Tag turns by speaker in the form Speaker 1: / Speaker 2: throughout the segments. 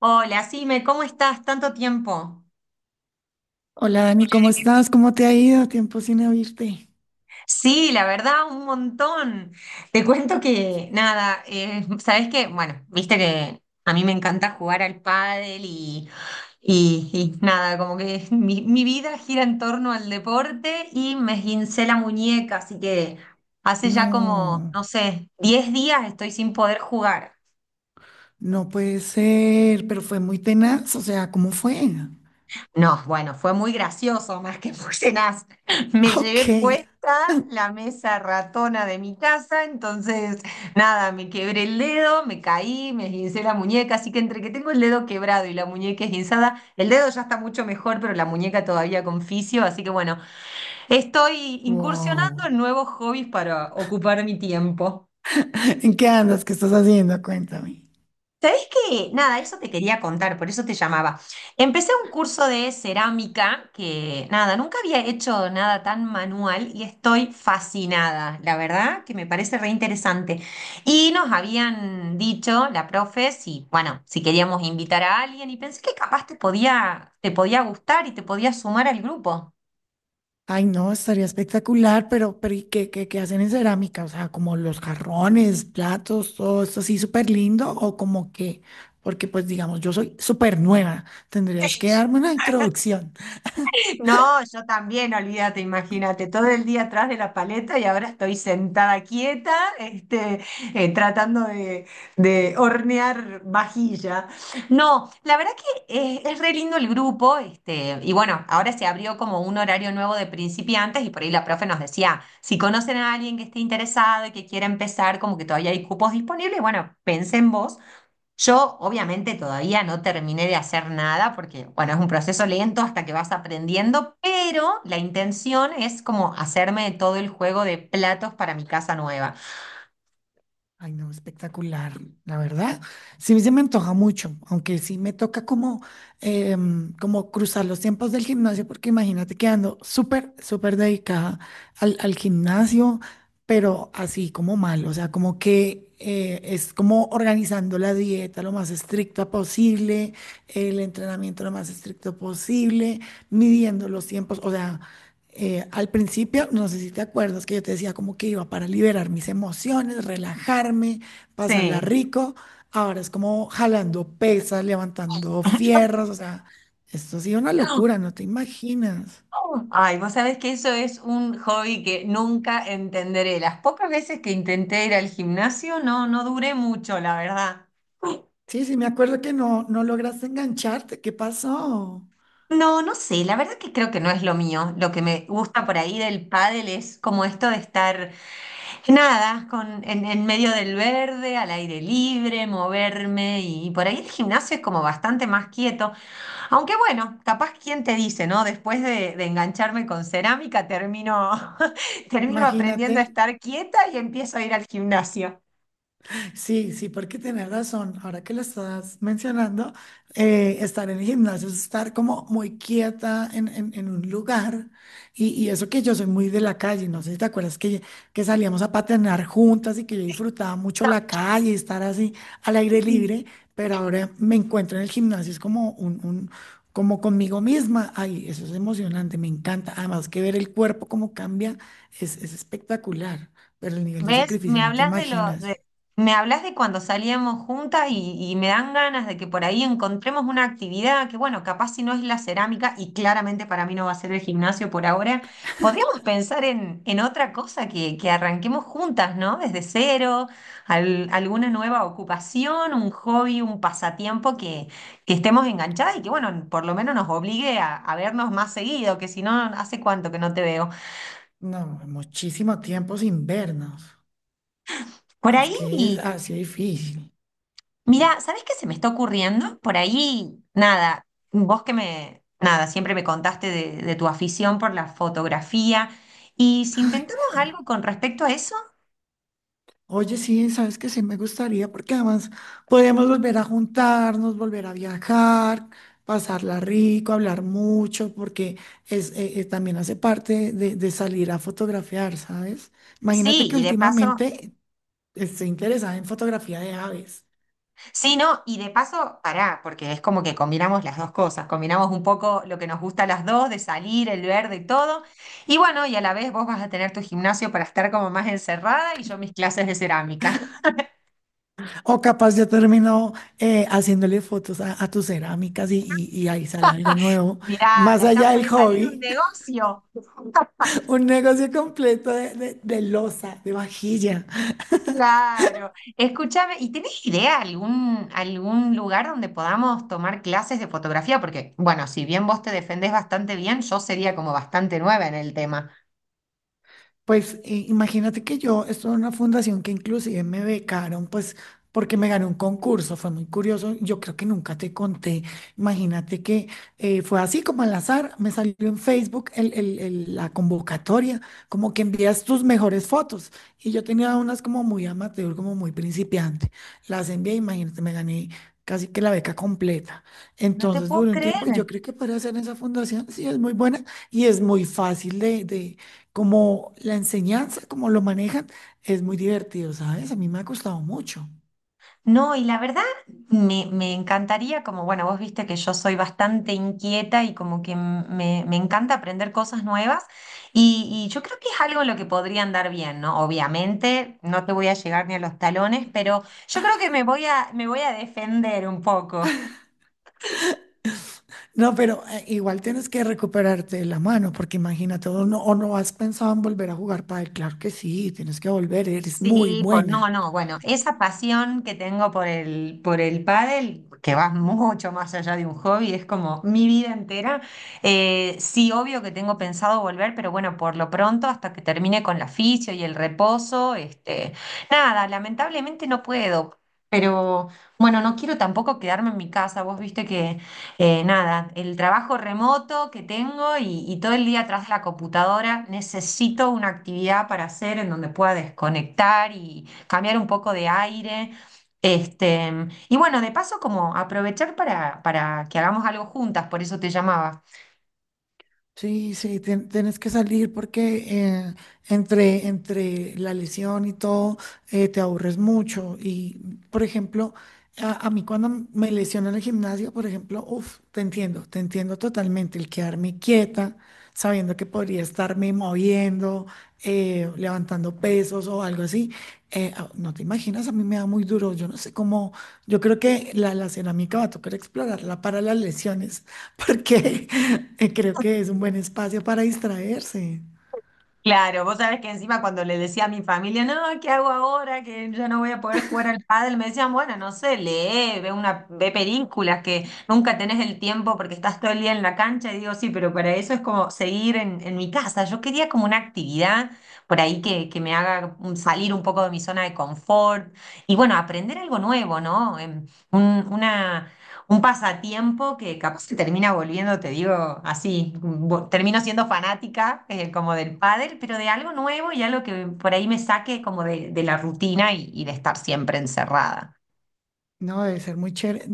Speaker 1: Hola, Sime, ¿cómo estás? Tanto tiempo.
Speaker 2: Hola Dani, ¿cómo estás? ¿Cómo te ha ido? Tiempo sin oírte.
Speaker 1: Sí, la verdad, un montón. Te cuento que, nada, ¿sabes qué? Bueno, viste que a mí me encanta jugar al pádel y nada, como que mi vida gira en torno al deporte y me esguincé la muñeca, así que hace ya como,
Speaker 2: No,
Speaker 1: no sé, 10 días estoy sin poder jugar.
Speaker 2: no, puede ser, pero fue muy tenaz, o sea, ¿cómo fue?
Speaker 1: No, bueno, fue muy gracioso, más que fusionás. Me
Speaker 2: Ah, ok,
Speaker 1: llevé puesta la mesa ratona de mi casa, entonces nada, me quebré el dedo, me caí, me esguincé la muñeca, así que entre que tengo el dedo quebrado y la muñeca esguinzada, el dedo ya está mucho mejor, pero la muñeca todavía con fisio, así que bueno, estoy incursionando
Speaker 2: wow.
Speaker 1: en nuevos hobbies para ocupar mi tiempo.
Speaker 2: ¿En qué andas? ¿Qué estás haciendo? Cuéntame.
Speaker 1: ¿Sabés qué? Nada, eso te quería contar, por eso te llamaba. Empecé un curso de cerámica que, nada, nunca había hecho nada tan manual y estoy fascinada, la verdad, que me parece re interesante. Y nos habían dicho, la profe, si, bueno, si queríamos invitar a alguien y pensé que capaz te podía gustar y te podía sumar al grupo.
Speaker 2: Ay, no, estaría espectacular, pero ¿y qué hacen en cerámica? O sea, como los jarrones, platos, todo esto así súper lindo o como que, porque pues digamos, yo soy súper nueva, tendrías que darme una introducción.
Speaker 1: No, yo también, olvídate, imagínate, todo el día atrás de la paleta y ahora estoy sentada quieta, este, tratando de hornear vajilla. No, la verdad que es, re lindo el grupo, este, y bueno, ahora se abrió como un horario nuevo de principiantes y por ahí la profe nos decía, si conocen a alguien que esté interesado y que quiera empezar, como que todavía hay cupos disponibles, bueno, pensé en vos. Yo obviamente todavía no terminé de hacer nada porque, bueno, es un proceso lento hasta que vas aprendiendo, pero la intención es como hacerme todo el juego de platos para mi casa nueva.
Speaker 2: Ay, no, espectacular, la verdad. Sí, se me antoja mucho, aunque sí me toca como, como cruzar los tiempos del gimnasio, porque imagínate que ando súper, súper dedicada al, al gimnasio, pero así como mal, o sea, como que es como organizando la dieta lo más estricta posible, el entrenamiento lo más estricto posible, midiendo los tiempos, o sea al principio, no sé si te acuerdas que yo te decía como que iba para liberar mis emociones, relajarme, pasarla
Speaker 1: Sí.
Speaker 2: rico. Ahora es como jalando pesas, levantando fierros, o sea, esto ha sido una locura, no te imaginas.
Speaker 1: Ay, vos sabés que eso es un hobby que nunca entenderé. Las pocas veces que intenté ir al gimnasio, no, no duré mucho, la verdad.
Speaker 2: Sí, sí, me acuerdo que no, no lograste engancharte. ¿Qué pasó?
Speaker 1: No, no sé, la verdad que creo que no es lo mío. Lo que me gusta por ahí del pádel es como esto de estar. Nada, en medio del verde, al aire libre, moverme y por ahí el gimnasio es como bastante más quieto. Aunque bueno, capaz quién te dice, ¿no? Después de engancharme con cerámica, termino, termino
Speaker 2: Imagínate.
Speaker 1: aprendiendo a estar quieta y empiezo a ir al gimnasio.
Speaker 2: Sí, sí, porque tienes razón. Ahora que lo estás mencionando, estar en el gimnasio es estar como muy quieta en, en un lugar. Y eso que yo soy muy de la calle, no sé si te acuerdas que salíamos a patinar juntas y que yo disfrutaba mucho la calle, estar así al aire libre, pero ahora me encuentro en el gimnasio, es como un, como conmigo misma. Ay, eso es emocionante, me encanta. Además que ver el cuerpo cómo cambia es espectacular, pero el nivel de
Speaker 1: ¿Ves?
Speaker 2: sacrificio
Speaker 1: Me
Speaker 2: no te
Speaker 1: hablas de lo
Speaker 2: imaginas.
Speaker 1: de, me hablas de cuando salíamos juntas y me dan ganas de que por ahí encontremos una actividad que, bueno, capaz si no es la cerámica y claramente para mí no va a ser el gimnasio por ahora, podríamos pensar en otra cosa que arranquemos juntas, ¿no? Desde cero, alguna nueva ocupación, un hobby, un pasatiempo que estemos enganchadas y que, bueno, por lo menos nos obligue a vernos más seguido, que si no, ¿hace cuánto que no te veo?
Speaker 2: No, muchísimo tiempo sin vernos.
Speaker 1: Por
Speaker 2: Es que es
Speaker 1: ahí.
Speaker 2: así difícil.
Speaker 1: Mira, ¿sabés qué se me está ocurriendo? Por ahí, nada, vos que me, nada, siempre me contaste de tu afición por la fotografía. Y si intentamos
Speaker 2: Sí.
Speaker 1: algo con respecto a eso,
Speaker 2: Oye, sí, sabes que sí me gustaría, porque además podemos volver a juntarnos, volver a viajar, pasarla rico, hablar mucho, porque es, también hace parte de salir a fotografiar, ¿sabes? Imagínate
Speaker 1: sí,
Speaker 2: que
Speaker 1: y de paso,
Speaker 2: últimamente estoy interesada en fotografía de aves.
Speaker 1: sí, no, y de paso, pará, porque es como que combinamos las dos cosas, combinamos un poco lo que nos gusta a las dos, de salir, el verde y todo. Y bueno, y a la vez vos vas a tener tu gimnasio para estar como más encerrada y yo mis clases de cerámica.
Speaker 2: O capaz ya terminó haciéndole fotos a tus cerámicas y, y ahí sale algo nuevo.
Speaker 1: Mirá, de
Speaker 2: Más
Speaker 1: acá
Speaker 2: allá del
Speaker 1: puede salir un
Speaker 2: hobby,
Speaker 1: negocio.
Speaker 2: un negocio completo de loza, de vajilla.
Speaker 1: Claro. Escúchame, ¿y tenés idea algún lugar donde podamos tomar clases de fotografía? Porque, bueno, si bien vos te defendés bastante bien, yo sería como bastante nueva en el tema.
Speaker 2: Pues imagínate que yo estuve en una fundación que inclusive me becaron, pues porque me gané un concurso, fue muy curioso, yo creo que nunca te conté, imagínate que fue así como al azar, me salió en Facebook la convocatoria, como que envías tus mejores fotos y yo tenía unas como muy amateur, como muy principiante, las envié, imagínate, me gané casi que la beca completa,
Speaker 1: No te
Speaker 2: entonces
Speaker 1: puedo
Speaker 2: duró un
Speaker 1: creer.
Speaker 2: tiempo y yo creo que para hacer esa fundación sí es muy buena y es muy fácil de como la enseñanza, como lo manejan, es muy divertido, ¿sabes? A mí me ha costado mucho.
Speaker 1: No, y la verdad me encantaría, como bueno, vos viste que yo soy bastante inquieta y como que me encanta aprender cosas nuevas y yo creo que es algo en lo que podría andar bien, ¿no? Obviamente no te voy a llegar ni a los talones, pero yo creo que me voy a defender un poco.
Speaker 2: No, pero igual tienes que recuperarte de la mano, porque imagínate, o no has pensado en volver a jugar pádel, claro que sí, tienes que volver, eres muy
Speaker 1: Sí, por no,
Speaker 2: buena.
Speaker 1: no, bueno, esa pasión que tengo por el pádel, que va mucho más allá de un hobby, es como mi vida entera. Sí, obvio que tengo pensado volver, pero bueno, por lo pronto, hasta que termine con la fisio y el reposo, este, nada, lamentablemente no puedo. Pero bueno, no quiero tampoco quedarme en mi casa. Vos viste que nada, el trabajo remoto que tengo y todo el día atrás de la computadora, necesito una actividad para hacer en donde pueda desconectar y cambiar un poco de aire. Este, y bueno, de paso, como aprovechar para que hagamos algo juntas, por eso te llamaba.
Speaker 2: Sí, sí, tienes que salir porque entre, entre la lesión y todo te aburres mucho. Y, por ejemplo, a mí cuando me lesiono en el gimnasio, por ejemplo, uff, te entiendo totalmente. El quedarme quieta, sabiendo que podría estarme moviendo, levantando pesos o algo así. No te imaginas, a mí me da muy duro. Yo no sé cómo, yo creo que la cerámica va a tocar explorarla para las lesiones porque creo que es un buen espacio para distraerse.
Speaker 1: Claro, vos sabés que encima cuando le decía a mi familia, no, ¿qué hago ahora? Que yo no voy a poder jugar al pádel, me decían, bueno, no sé, lee, ve películas que nunca tenés el tiempo porque estás todo el día en la cancha, y digo, sí, pero para eso es como seguir en mi casa. Yo quería como una actividad por ahí que me haga salir un poco de mi zona de confort y bueno, aprender algo nuevo, ¿no? Em, un- una un pasatiempo que capaz que termina volviendo, te digo, así, termino siendo fanática, como del pádel, pero de algo nuevo y algo que por ahí me saque como de la rutina y de estar siempre encerrada.
Speaker 2: No, debe ser muy chévere.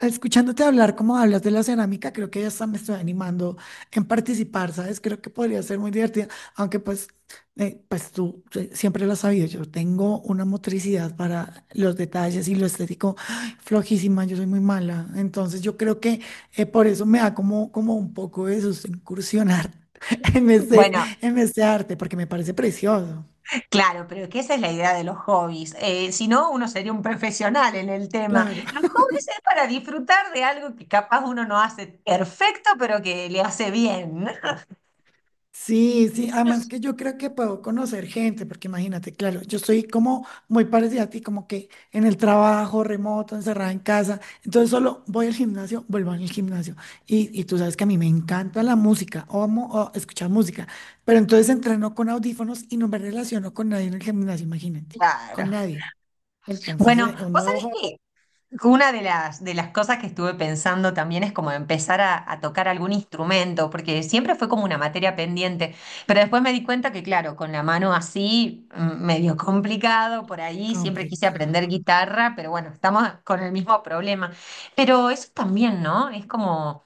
Speaker 2: Escuchándote hablar como hablas de la cerámica, creo que ya hasta me estoy animando en participar, ¿sabes? Creo que podría ser muy divertida, aunque pues, pues tú siempre lo has sabido, yo tengo una motricidad para los detalles y lo estético flojísima, yo soy muy mala, entonces yo creo que por eso me da como, como un poco de susto incursionar en este,
Speaker 1: Bueno,
Speaker 2: en este arte, porque me parece precioso.
Speaker 1: claro, pero que esa es la idea de los hobbies. Si no, uno sería un profesional en el tema.
Speaker 2: Claro.
Speaker 1: Los hobbies es para disfrutar de algo que capaz uno no hace perfecto, pero que le hace bien.
Speaker 2: Sí, sí, además que yo creo que puedo conocer gente, porque imagínate, claro, yo estoy como muy parecida a ti, como que en el trabajo, remoto, encerrada en casa, entonces solo voy al gimnasio, vuelvo al gimnasio, y tú sabes que a mí me encanta la música, o amo o escuchar música, pero entonces entreno con audífonos y no me relaciono con nadie en el gimnasio, imagínate, con
Speaker 1: Claro.
Speaker 2: nadie. Entonces,
Speaker 1: Bueno,
Speaker 2: un
Speaker 1: vos
Speaker 2: nuevo
Speaker 1: sabés
Speaker 2: hobby
Speaker 1: que una de las cosas que estuve pensando también es como empezar a tocar algún instrumento, porque siempre fue como una materia pendiente, pero después me di cuenta que, claro, con la mano así, medio complicado por ahí, siempre quise aprender
Speaker 2: complicado.
Speaker 1: guitarra, pero bueno, estamos con el mismo problema. Pero eso también, ¿no? Es como,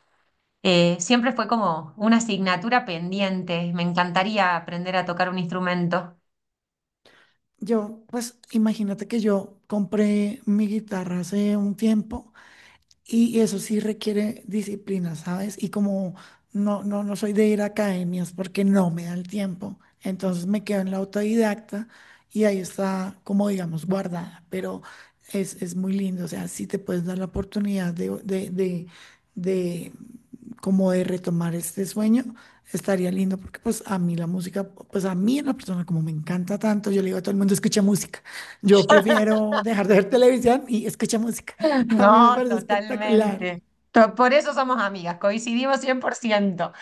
Speaker 1: siempre fue como una asignatura pendiente, me encantaría aprender a tocar un instrumento.
Speaker 2: Yo, pues imagínate que yo compré mi guitarra hace un tiempo. Y eso sí requiere disciplina, ¿sabes? Y como no soy de ir a academias porque no me da el tiempo, entonces me quedo en la autodidacta y ahí está, como digamos, guardada, pero es muy lindo, o sea, si te puedes dar la oportunidad de como de retomar este sueño, estaría lindo porque pues a mí la música, pues a mí la persona como me encanta tanto, yo le digo a todo el mundo, escucha música, yo prefiero dejar de ver televisión y escucha música. A mí me
Speaker 1: No,
Speaker 2: parece espectacular.
Speaker 1: totalmente. Por eso somos amigas, coincidimos 100%.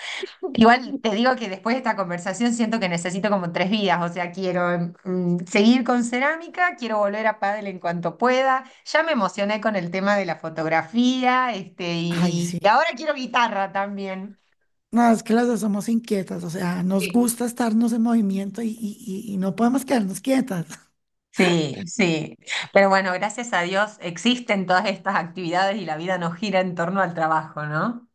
Speaker 1: Igual te digo que después de esta conversación siento que necesito como tres vidas, o sea, quiero seguir con cerámica, quiero volver a pádel en cuanto pueda. Ya me emocioné con el tema de la fotografía, este,
Speaker 2: Ay,
Speaker 1: y
Speaker 2: sí.
Speaker 1: ahora quiero guitarra también.
Speaker 2: No, es que las dos somos inquietas, o sea, nos gusta estarnos en movimiento y, y no podemos quedarnos quietas.
Speaker 1: Sí, sí. Pero bueno, gracias a Dios existen todas estas actividades y la vida no gira en torno al trabajo, ¿no?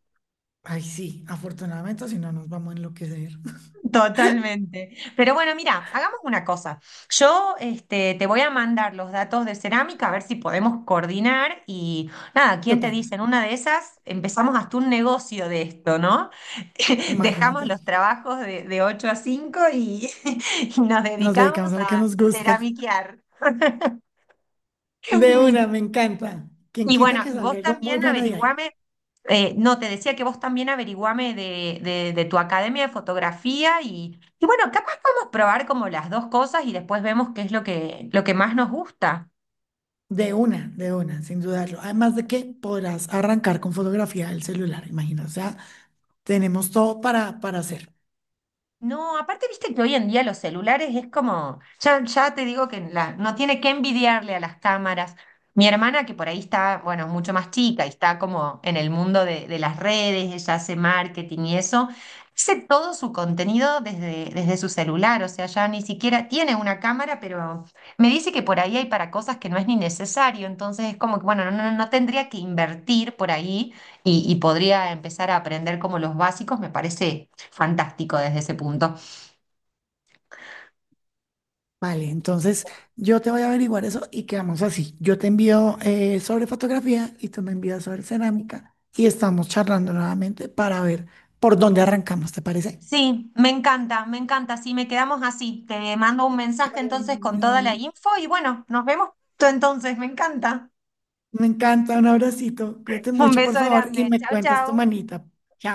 Speaker 2: Ay, sí, afortunadamente, si no nos vamos a enloquecer.
Speaker 1: Totalmente. Pero bueno, mira, hagamos una cosa. Yo este, te voy a mandar los datos de cerámica a ver si podemos coordinar y nada, ¿quién te
Speaker 2: Súper,
Speaker 1: dice? En una de esas empezamos hasta un negocio de esto, ¿no? Dejamos
Speaker 2: imagínate,
Speaker 1: los trabajos de 8 a 5 y, y nos
Speaker 2: nos
Speaker 1: dedicamos
Speaker 2: dedicamos a lo que
Speaker 1: a
Speaker 2: nos gusta.
Speaker 1: ceramiquear.
Speaker 2: De una, me encanta. Quien
Speaker 1: Y
Speaker 2: quita
Speaker 1: bueno,
Speaker 2: que
Speaker 1: y
Speaker 2: salga
Speaker 1: vos
Speaker 2: algo muy
Speaker 1: también
Speaker 2: bueno de ahí.
Speaker 1: averiguame, no, te decía que vos también averiguame de tu academia de fotografía y bueno, capaz podemos probar como las dos cosas y después vemos qué es lo que más nos gusta.
Speaker 2: De una, sin dudarlo. Además de que podrás arrancar con fotografía del celular, imagino. O sea, tenemos todo para hacer.
Speaker 1: No, aparte viste que hoy en día los celulares es como, ya, ya te digo que no tiene que envidiarle a las cámaras. Mi hermana, que por ahí está, bueno, mucho más chica y está como en el mundo de las redes, ella hace marketing y eso, hace todo su contenido desde su celular, o sea, ya ni siquiera tiene una cámara, pero me dice que por ahí hay para cosas que no es ni necesario, entonces es como que, bueno, no tendría que invertir por ahí y podría empezar a aprender como los básicos, me parece fantástico desde ese punto.
Speaker 2: Vale, entonces yo te voy a averiguar eso y quedamos así. Yo te envío sobre fotografía y tú me envías sobre cerámica y estamos charlando nuevamente para ver por dónde arrancamos, ¿te parece?
Speaker 1: Sí, me encanta, me encanta. Sí, me quedamos así. Te mando un mensaje
Speaker 2: Bueno,
Speaker 1: entonces
Speaker 2: mi
Speaker 1: con toda la
Speaker 2: Dani,
Speaker 1: info y bueno, nos vemos pronto entonces, me encanta.
Speaker 2: me encanta, un abracito, cuídate
Speaker 1: Un
Speaker 2: mucho, por
Speaker 1: beso
Speaker 2: favor, y
Speaker 1: grande.
Speaker 2: me
Speaker 1: Chao,
Speaker 2: cuentas tu
Speaker 1: chao.
Speaker 2: manita.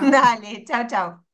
Speaker 1: Dale, chao, chao.